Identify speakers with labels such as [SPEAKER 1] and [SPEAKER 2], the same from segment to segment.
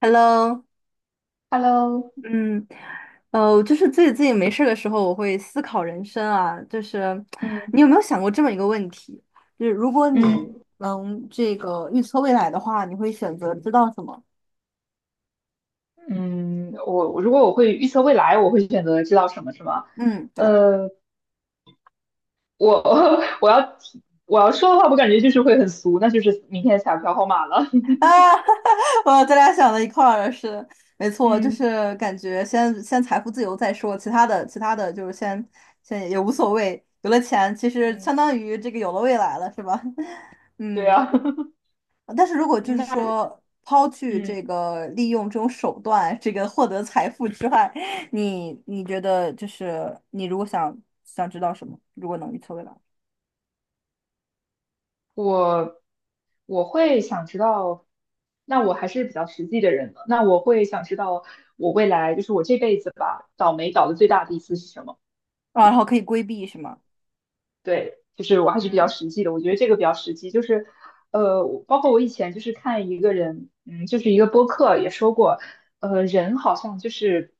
[SPEAKER 1] Hello，
[SPEAKER 2] Hello。
[SPEAKER 1] 嗯，就是自己没事儿的时候，我会思考人生啊。
[SPEAKER 2] 嗯
[SPEAKER 1] 你有没有想过这么一个问题？就是如果你
[SPEAKER 2] 嗯
[SPEAKER 1] 能这个预测未来的话，你会选择知道什么？
[SPEAKER 2] 嗯，说未来，选择知道什么是吗？
[SPEAKER 1] 嗯，对
[SPEAKER 2] 呃，我 我要说的话，我感觉就是会很俗，那就是明天彩票号码了。
[SPEAKER 1] 啊，我咱俩想到一块儿了，是的，没错，就
[SPEAKER 2] 嗯
[SPEAKER 1] 是感觉先财富自由再说，其他的就是先也无所谓，有了钱其实
[SPEAKER 2] 嗯，
[SPEAKER 1] 相当于这个有了未来了，是吧？
[SPEAKER 2] 对
[SPEAKER 1] 嗯。
[SPEAKER 2] 啊。
[SPEAKER 1] 但是如果就是
[SPEAKER 2] 那
[SPEAKER 1] 说抛去
[SPEAKER 2] 嗯
[SPEAKER 1] 这个利用这种手段，这个获得财富之外，你觉得就是你如果想知道什么，如果能预测未来，
[SPEAKER 2] 我我会想知道，那我还是比较实际的人的，那我会想知道我未来就是我这辈子吧，倒霉倒的最大的一次是什么？
[SPEAKER 1] 啊，然后可以规避是吗？
[SPEAKER 2] 对，就是我还是比较
[SPEAKER 1] 嗯。
[SPEAKER 2] 实际的，我觉得这个比较实际，就是，我包括我以前就是看一个人，就是一个播客也说过。人好像就是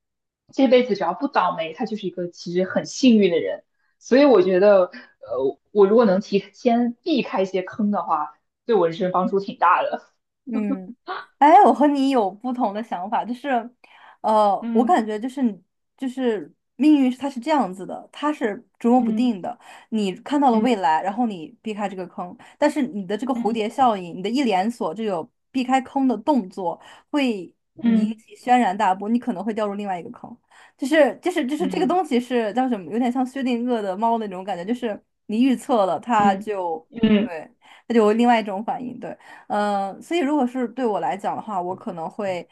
[SPEAKER 2] 这辈子只要不倒霉，他就是一个其实很幸运的人。所以我觉得，我如果能提前避开一些坑的话，对我人生帮助挺大的。
[SPEAKER 1] 嗯，哎，我和你有不同的想法，就是，呃，我
[SPEAKER 2] 嗯
[SPEAKER 1] 感觉就是命运它是这样子的，它是捉摸不
[SPEAKER 2] 嗯
[SPEAKER 1] 定的。你看到了未
[SPEAKER 2] 嗯
[SPEAKER 1] 来，然后你避开这个坑，但是你的这个蝴蝶
[SPEAKER 2] 嗯
[SPEAKER 1] 效应，你的一连锁这个避开坑的动作，会引
[SPEAKER 2] 嗯
[SPEAKER 1] 起轩然大波，你可能会掉入另外一个坑。就是
[SPEAKER 2] 嗯
[SPEAKER 1] 这个
[SPEAKER 2] 嗯
[SPEAKER 1] 东西是叫什么？有点像薛定谔的猫那种感觉，就是你预测了，它
[SPEAKER 2] 嗯
[SPEAKER 1] 就
[SPEAKER 2] 嗯
[SPEAKER 1] 对，它就有另外一种反应，对。嗯，呃所以如果是对我来讲的话，我可能会，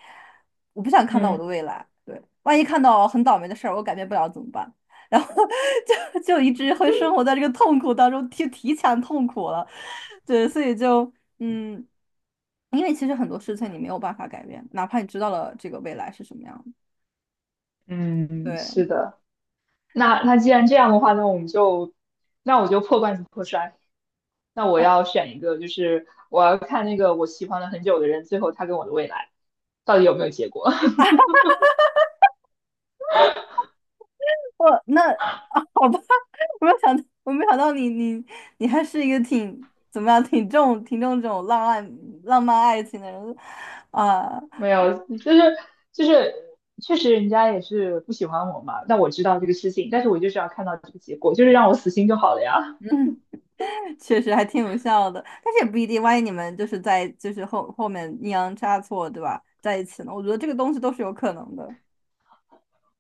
[SPEAKER 1] 我不想看到我
[SPEAKER 2] 嗯
[SPEAKER 1] 的未来。对，万一看到很倒霉的事儿，我改变不了怎么办？然后 就一直会生活在这个痛苦当中，提前痛苦了。对，所以就嗯，因为其实很多事情你没有办法改变，哪怕你知道了这个未来是什么样的。
[SPEAKER 2] 嗯，
[SPEAKER 1] 对，
[SPEAKER 2] 是的。那既然这样的话，那我们就，那我就破罐子破摔。那我要选一个，就是我要看那个我喜欢了很久的人，最后他跟我的未来到底有没有结果？
[SPEAKER 1] 我那啊，好吧，我没有想到，我没有想到你，你你还是一个挺怎么样，挺重这种浪漫爱情的人啊，
[SPEAKER 2] 没有，就是确实人家也是不喜欢我嘛，那我知道这个事情，但是我就是要看到这个结果，就是让我死心就好了呀。
[SPEAKER 1] 确实还挺有效的。但是也不一定，万一你们就是后面阴阳差错，对吧，在一起呢，我觉得这个东西都是有可能的。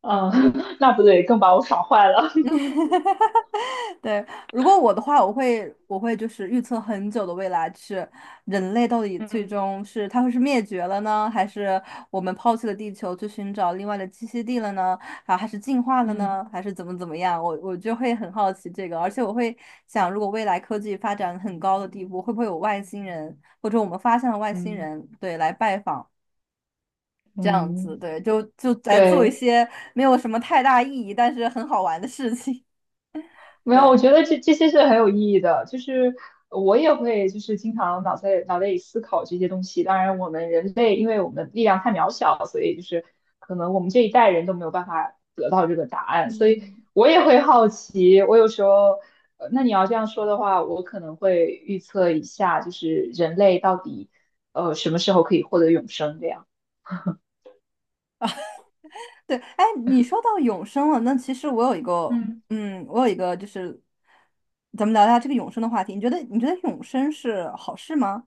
[SPEAKER 2] 嗯。那不对，更把我爽坏了。
[SPEAKER 1] 对，如果我的话，我会就是预测很久的未来，是人类到底 最
[SPEAKER 2] 嗯
[SPEAKER 1] 终是它会是灭绝了呢，还是我们抛弃了地球去寻找另外的栖息地了呢？啊，还是进化了
[SPEAKER 2] 嗯
[SPEAKER 1] 呢？还是怎么样？我就会很好奇这个，而且我会想，如果未来科技发展很高的地步，会不会有外星人，或者我们发现了外星
[SPEAKER 2] 嗯
[SPEAKER 1] 人，对，来拜访这样子，
[SPEAKER 2] 嗯，
[SPEAKER 1] 对，就来做一
[SPEAKER 2] 对。
[SPEAKER 1] 些没有什么太大意义，但是很好玩的事情，
[SPEAKER 2] 没有，
[SPEAKER 1] 对。
[SPEAKER 2] 我觉得这些是很有意义的，就是我也会就是经常脑袋里思考这些东西。当然，我们人类因为我们力量太渺小，所以就是可能我们这一代人都没有办法得到这个答案，所以
[SPEAKER 1] 嗯，
[SPEAKER 2] 我也会好奇。我有时候。那你要这样说的话，我可能会预测一下，就是人类到底什么时候可以获得永生这样。
[SPEAKER 1] 对，哎，你说到永生了，那其实我有一个，
[SPEAKER 2] 嗯。
[SPEAKER 1] 嗯，我有一个就是，咱们聊一下这个永生的话题。你觉得永生是好事吗？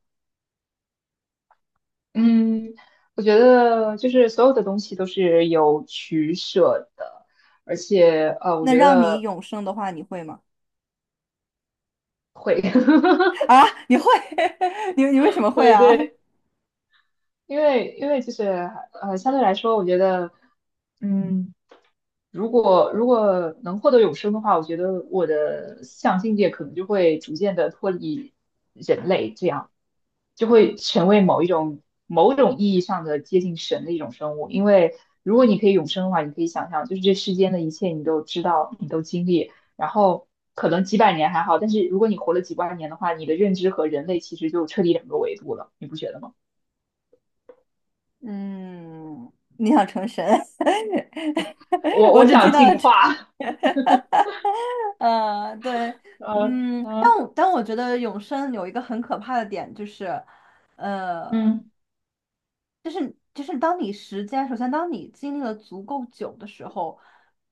[SPEAKER 2] 嗯，我觉得就是所有的东西都是有取舍的，而且我
[SPEAKER 1] 那
[SPEAKER 2] 觉
[SPEAKER 1] 让你
[SPEAKER 2] 得
[SPEAKER 1] 永生的话，你会吗？
[SPEAKER 2] 会。
[SPEAKER 1] 啊，你会？你为什么会啊？
[SPEAKER 2] 对。因为就是，相对来说，我觉得，嗯，如果能获得永生的话，我觉得我的思想境界可能就会逐渐的脱离人类，这样就会成为某一种某种意义上的接近神的一种生物。因为如果你可以永生的话，你可以想象，就是这世间的一切你都知道，你都经历，然后可能几百年还好，但是如果你活了几万年的话，你的认知和人类其实就彻底两个维度了，你不觉得吗？
[SPEAKER 1] 嗯，你想成神？
[SPEAKER 2] 我
[SPEAKER 1] 我
[SPEAKER 2] 我
[SPEAKER 1] 只
[SPEAKER 2] 想
[SPEAKER 1] 听到了
[SPEAKER 2] 进
[SPEAKER 1] 这，
[SPEAKER 2] 化。
[SPEAKER 1] 呃，对，
[SPEAKER 2] 嗯
[SPEAKER 1] 嗯，但
[SPEAKER 2] 嗯
[SPEAKER 1] 我但我觉得永生有一个很可怕的点，就是。
[SPEAKER 2] 嗯
[SPEAKER 1] 就是当你时间，首先当你经历了足够久的时候，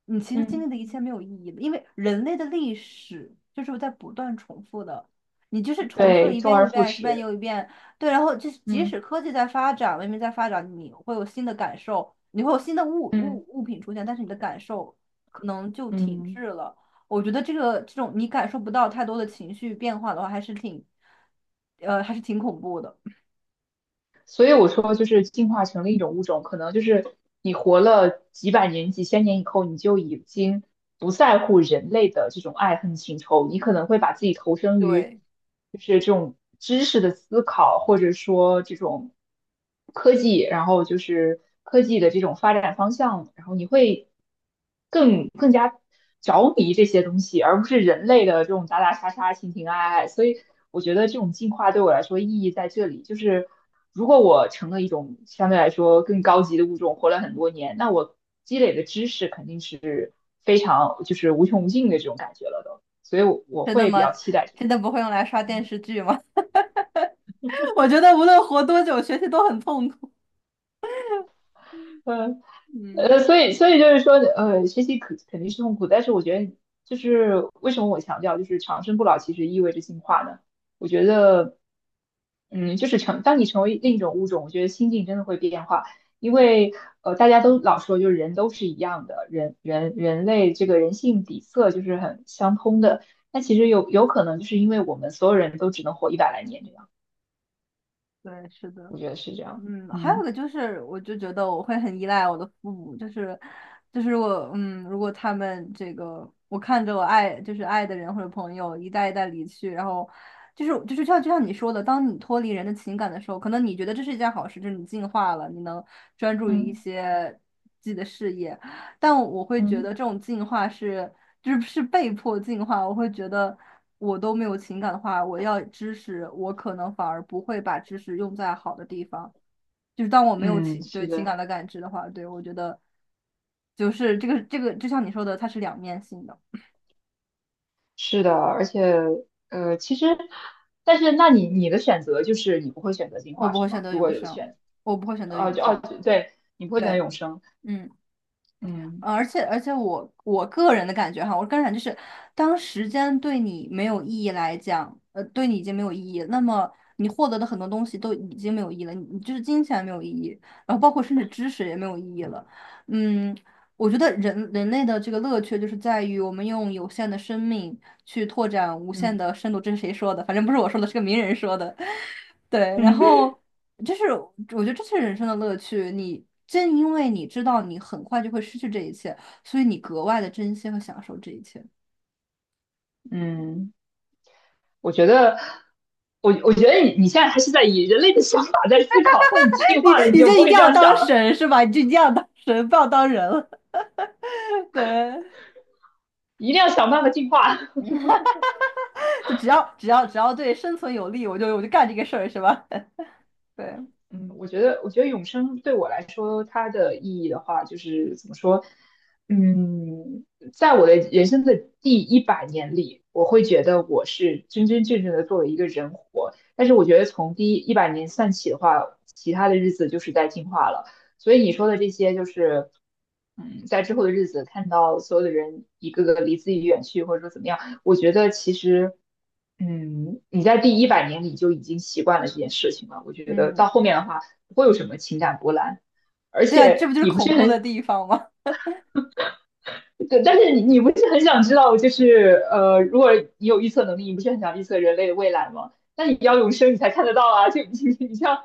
[SPEAKER 1] 你其实经历
[SPEAKER 2] 嗯，
[SPEAKER 1] 的一切没有意义了，因为人类的历史就是在不断重复的，你就是重复了
[SPEAKER 2] 对，
[SPEAKER 1] 一
[SPEAKER 2] 周
[SPEAKER 1] 遍又
[SPEAKER 2] 而
[SPEAKER 1] 一
[SPEAKER 2] 复
[SPEAKER 1] 遍，一遍
[SPEAKER 2] 始。
[SPEAKER 1] 又一遍，对，然后就是即
[SPEAKER 2] 嗯
[SPEAKER 1] 使科技在发展，文明在发展，你会有新的感受，你会有新的物
[SPEAKER 2] 嗯
[SPEAKER 1] 物物品出现，但是你的感受可能就停
[SPEAKER 2] 嗯，
[SPEAKER 1] 滞了。我觉得这种你感受不到太多的情绪变化的话，还是挺，呃，还是挺恐怖的。
[SPEAKER 2] 所以我说就是进化成另一种物种，可能就是你活了几百年、几千年以后，你就已经不在乎人类的这种爱恨情仇，你可能会把自己投身于
[SPEAKER 1] 对。
[SPEAKER 2] 就是这种知识的思考，或者说这种科技，然后就是科技的这种发展方向，然后你会。更加着迷这些东西，而不是人类的这种打打杀杀、情情爱爱。所以我觉得这种进化对我来说意义在这里，就是如果我成了一种相对来说更高级的物种，活了很多年，那我积累的知识肯定是非常就是无穷无尽的这种感觉了都。所以我
[SPEAKER 1] 真的
[SPEAKER 2] 会
[SPEAKER 1] 吗？
[SPEAKER 2] 比较期待这
[SPEAKER 1] 真
[SPEAKER 2] 种。
[SPEAKER 1] 的不会用来刷电视剧吗？我觉得无论活多久，学习都很痛苦。
[SPEAKER 2] 嗯。
[SPEAKER 1] 嗯，
[SPEAKER 2] 所以就是说，学习肯定是痛苦，但是我觉得就是为什么我强调就是长生不老其实意味着进化呢？我觉得，就是当你成为另一种物种，我觉得心境真的会变化，因为大家都老说就是人都是一样的，人类这个人性底色就是很相通的，那其实有可能就是因为我们所有人都只能活一百来年这样，
[SPEAKER 1] 对，是的。
[SPEAKER 2] 我觉得是这样。
[SPEAKER 1] 嗯，还有
[SPEAKER 2] 嗯
[SPEAKER 1] 个就是，我就觉得我会很依赖我的父母，就是就是我，嗯，如果他们这个，我看着我爱的人或者朋友一代一代离去，然后就是就是像就像你说的，当你脱离人的情感的时候，可能你觉得这是一件好事，就是你进化了，你能专注于一
[SPEAKER 2] 嗯
[SPEAKER 1] 些自己的事业，但我会觉
[SPEAKER 2] 嗯。
[SPEAKER 1] 得这种进化是被迫进化，我会觉得。我都没有情感的话，我要知识，我可能反而不会把知识用在好的地方。就是当我没有
[SPEAKER 2] 嗯，
[SPEAKER 1] 情对
[SPEAKER 2] 是
[SPEAKER 1] 情感
[SPEAKER 2] 的。
[SPEAKER 1] 的感知的话，对我觉得就是这个，就像你说的，它是两面性的。
[SPEAKER 2] 是的，而且其实，但是那你的选择就是你不会选择进
[SPEAKER 1] 我
[SPEAKER 2] 化
[SPEAKER 1] 不会
[SPEAKER 2] 是
[SPEAKER 1] 选
[SPEAKER 2] 吗？
[SPEAKER 1] 择
[SPEAKER 2] 如
[SPEAKER 1] 永
[SPEAKER 2] 果有的
[SPEAKER 1] 生，
[SPEAKER 2] 选，
[SPEAKER 1] 我不会选择永
[SPEAKER 2] 就哦，
[SPEAKER 1] 生。
[SPEAKER 2] 对，你不会选择
[SPEAKER 1] 对，
[SPEAKER 2] 永生。
[SPEAKER 1] 嗯。
[SPEAKER 2] 嗯
[SPEAKER 1] 呃而且我个人的感觉哈，我个人感觉就是，当时间对你没有意义来讲，呃，对你已经没有意义，那么你获得的很多东西都已经没有意义了，你就是金钱没有意义，然后包括甚至知识也没有意义了。嗯，我觉得人类的这个乐趣就是在于我们用有限的生命去拓展无限的
[SPEAKER 2] 嗯。
[SPEAKER 1] 深度，这是谁说的？反正不是我说的，是个名人说的。对，然 后。就是我觉得这是人生的乐趣。你正因为你知道你很快就会失去这一切，所以你格外的珍惜和享受这一切。
[SPEAKER 2] 嗯，我觉得，我觉得你你现在还是在以人类的想法在思考，但你进
[SPEAKER 1] 你
[SPEAKER 2] 化了，你
[SPEAKER 1] 你
[SPEAKER 2] 就
[SPEAKER 1] 就
[SPEAKER 2] 不
[SPEAKER 1] 一定
[SPEAKER 2] 会这
[SPEAKER 1] 要
[SPEAKER 2] 样想
[SPEAKER 1] 当
[SPEAKER 2] 了，
[SPEAKER 1] 神是吧？你就一定要当神，不要当人了。对，
[SPEAKER 2] 一定要想办法进化。
[SPEAKER 1] 就只要只要只要对生存有利，我就干这个事儿是吧？对，
[SPEAKER 2] 嗯，我觉得永生对我来说，它的意义的话，就是怎么说？嗯，在我的人生的第一百年里，我会觉得我是真真正正的作为一个人活。但是我觉得从第一百年算起的话，其他的日子就是在进化了。所以你说的这些，就是嗯，在之后的日子看到所有的人一个个离自己远去，或者说怎么样。我觉得其实，嗯，你在第一百年里就已经习惯了这件事情了。我觉得
[SPEAKER 1] 嗯，
[SPEAKER 2] 到后面的话，不会有什么情感波澜，而
[SPEAKER 1] 对啊，这不
[SPEAKER 2] 且
[SPEAKER 1] 就是
[SPEAKER 2] 你不是
[SPEAKER 1] 恐怖的
[SPEAKER 2] 很。
[SPEAKER 1] 地方吗？
[SPEAKER 2] 对，但是你不是很想知道，就是如果你有预测能力，你不是很想预测人类的未来吗？那你要永生，你才看得到啊！就 你你像。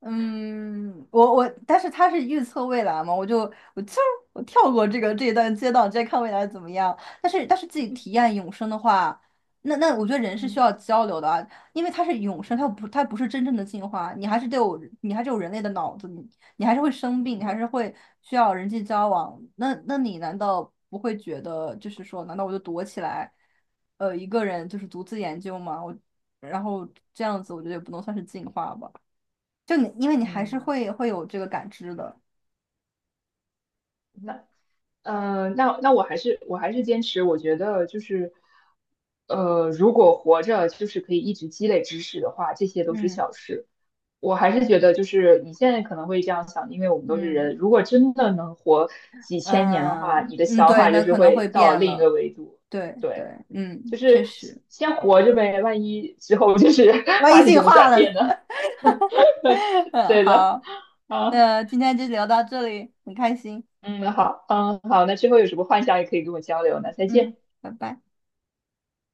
[SPEAKER 1] 嗯，我，但是他是预测未来嘛，我就我跳过这个这一段街道，直接看未来怎么样。但是自己体验永生的话，那我觉得人是需
[SPEAKER 2] 嗯
[SPEAKER 1] 要交流的啊，因为它是永生，它不是真正的进化，你还是得有你还是有人类的脑子，你你还是会生病，你还是会需要人际交往。那你难道不会觉得就是说，难道我就躲起来，呃，一个人就是独自研究吗？我然后这样子，我觉得也不能算是进化吧。就你，因为你还是
[SPEAKER 2] 嗯。
[SPEAKER 1] 会有这个感知的。
[SPEAKER 2] 那那我还是坚持，我觉得就是。如果活着就是可以一直积累知识的话，这些都是
[SPEAKER 1] 嗯
[SPEAKER 2] 小事。我还是觉得，就是你现在可能会这样想，因为我们都是
[SPEAKER 1] 嗯
[SPEAKER 2] 人。如果真的能活几千年的话，
[SPEAKER 1] 嗯
[SPEAKER 2] 你的
[SPEAKER 1] 嗯，
[SPEAKER 2] 想
[SPEAKER 1] 对，
[SPEAKER 2] 法
[SPEAKER 1] 那
[SPEAKER 2] 就是
[SPEAKER 1] 可能会
[SPEAKER 2] 会到
[SPEAKER 1] 变
[SPEAKER 2] 另一
[SPEAKER 1] 了。
[SPEAKER 2] 个维度。
[SPEAKER 1] 对对，
[SPEAKER 2] 对，就
[SPEAKER 1] 嗯，确
[SPEAKER 2] 是
[SPEAKER 1] 实，
[SPEAKER 2] 先活着呗，万一之后就是
[SPEAKER 1] 万
[SPEAKER 2] 发
[SPEAKER 1] 一
[SPEAKER 2] 生
[SPEAKER 1] 进
[SPEAKER 2] 什么
[SPEAKER 1] 化
[SPEAKER 2] 转
[SPEAKER 1] 了呢？
[SPEAKER 2] 变呢？
[SPEAKER 1] 嗯，
[SPEAKER 2] 对的。
[SPEAKER 1] 好，
[SPEAKER 2] 啊，
[SPEAKER 1] 那今天就聊到这里，很开心。
[SPEAKER 2] 嗯，好，嗯，好，那之后有什么幻想也可以跟我交流，那再见。
[SPEAKER 1] 嗯，拜拜。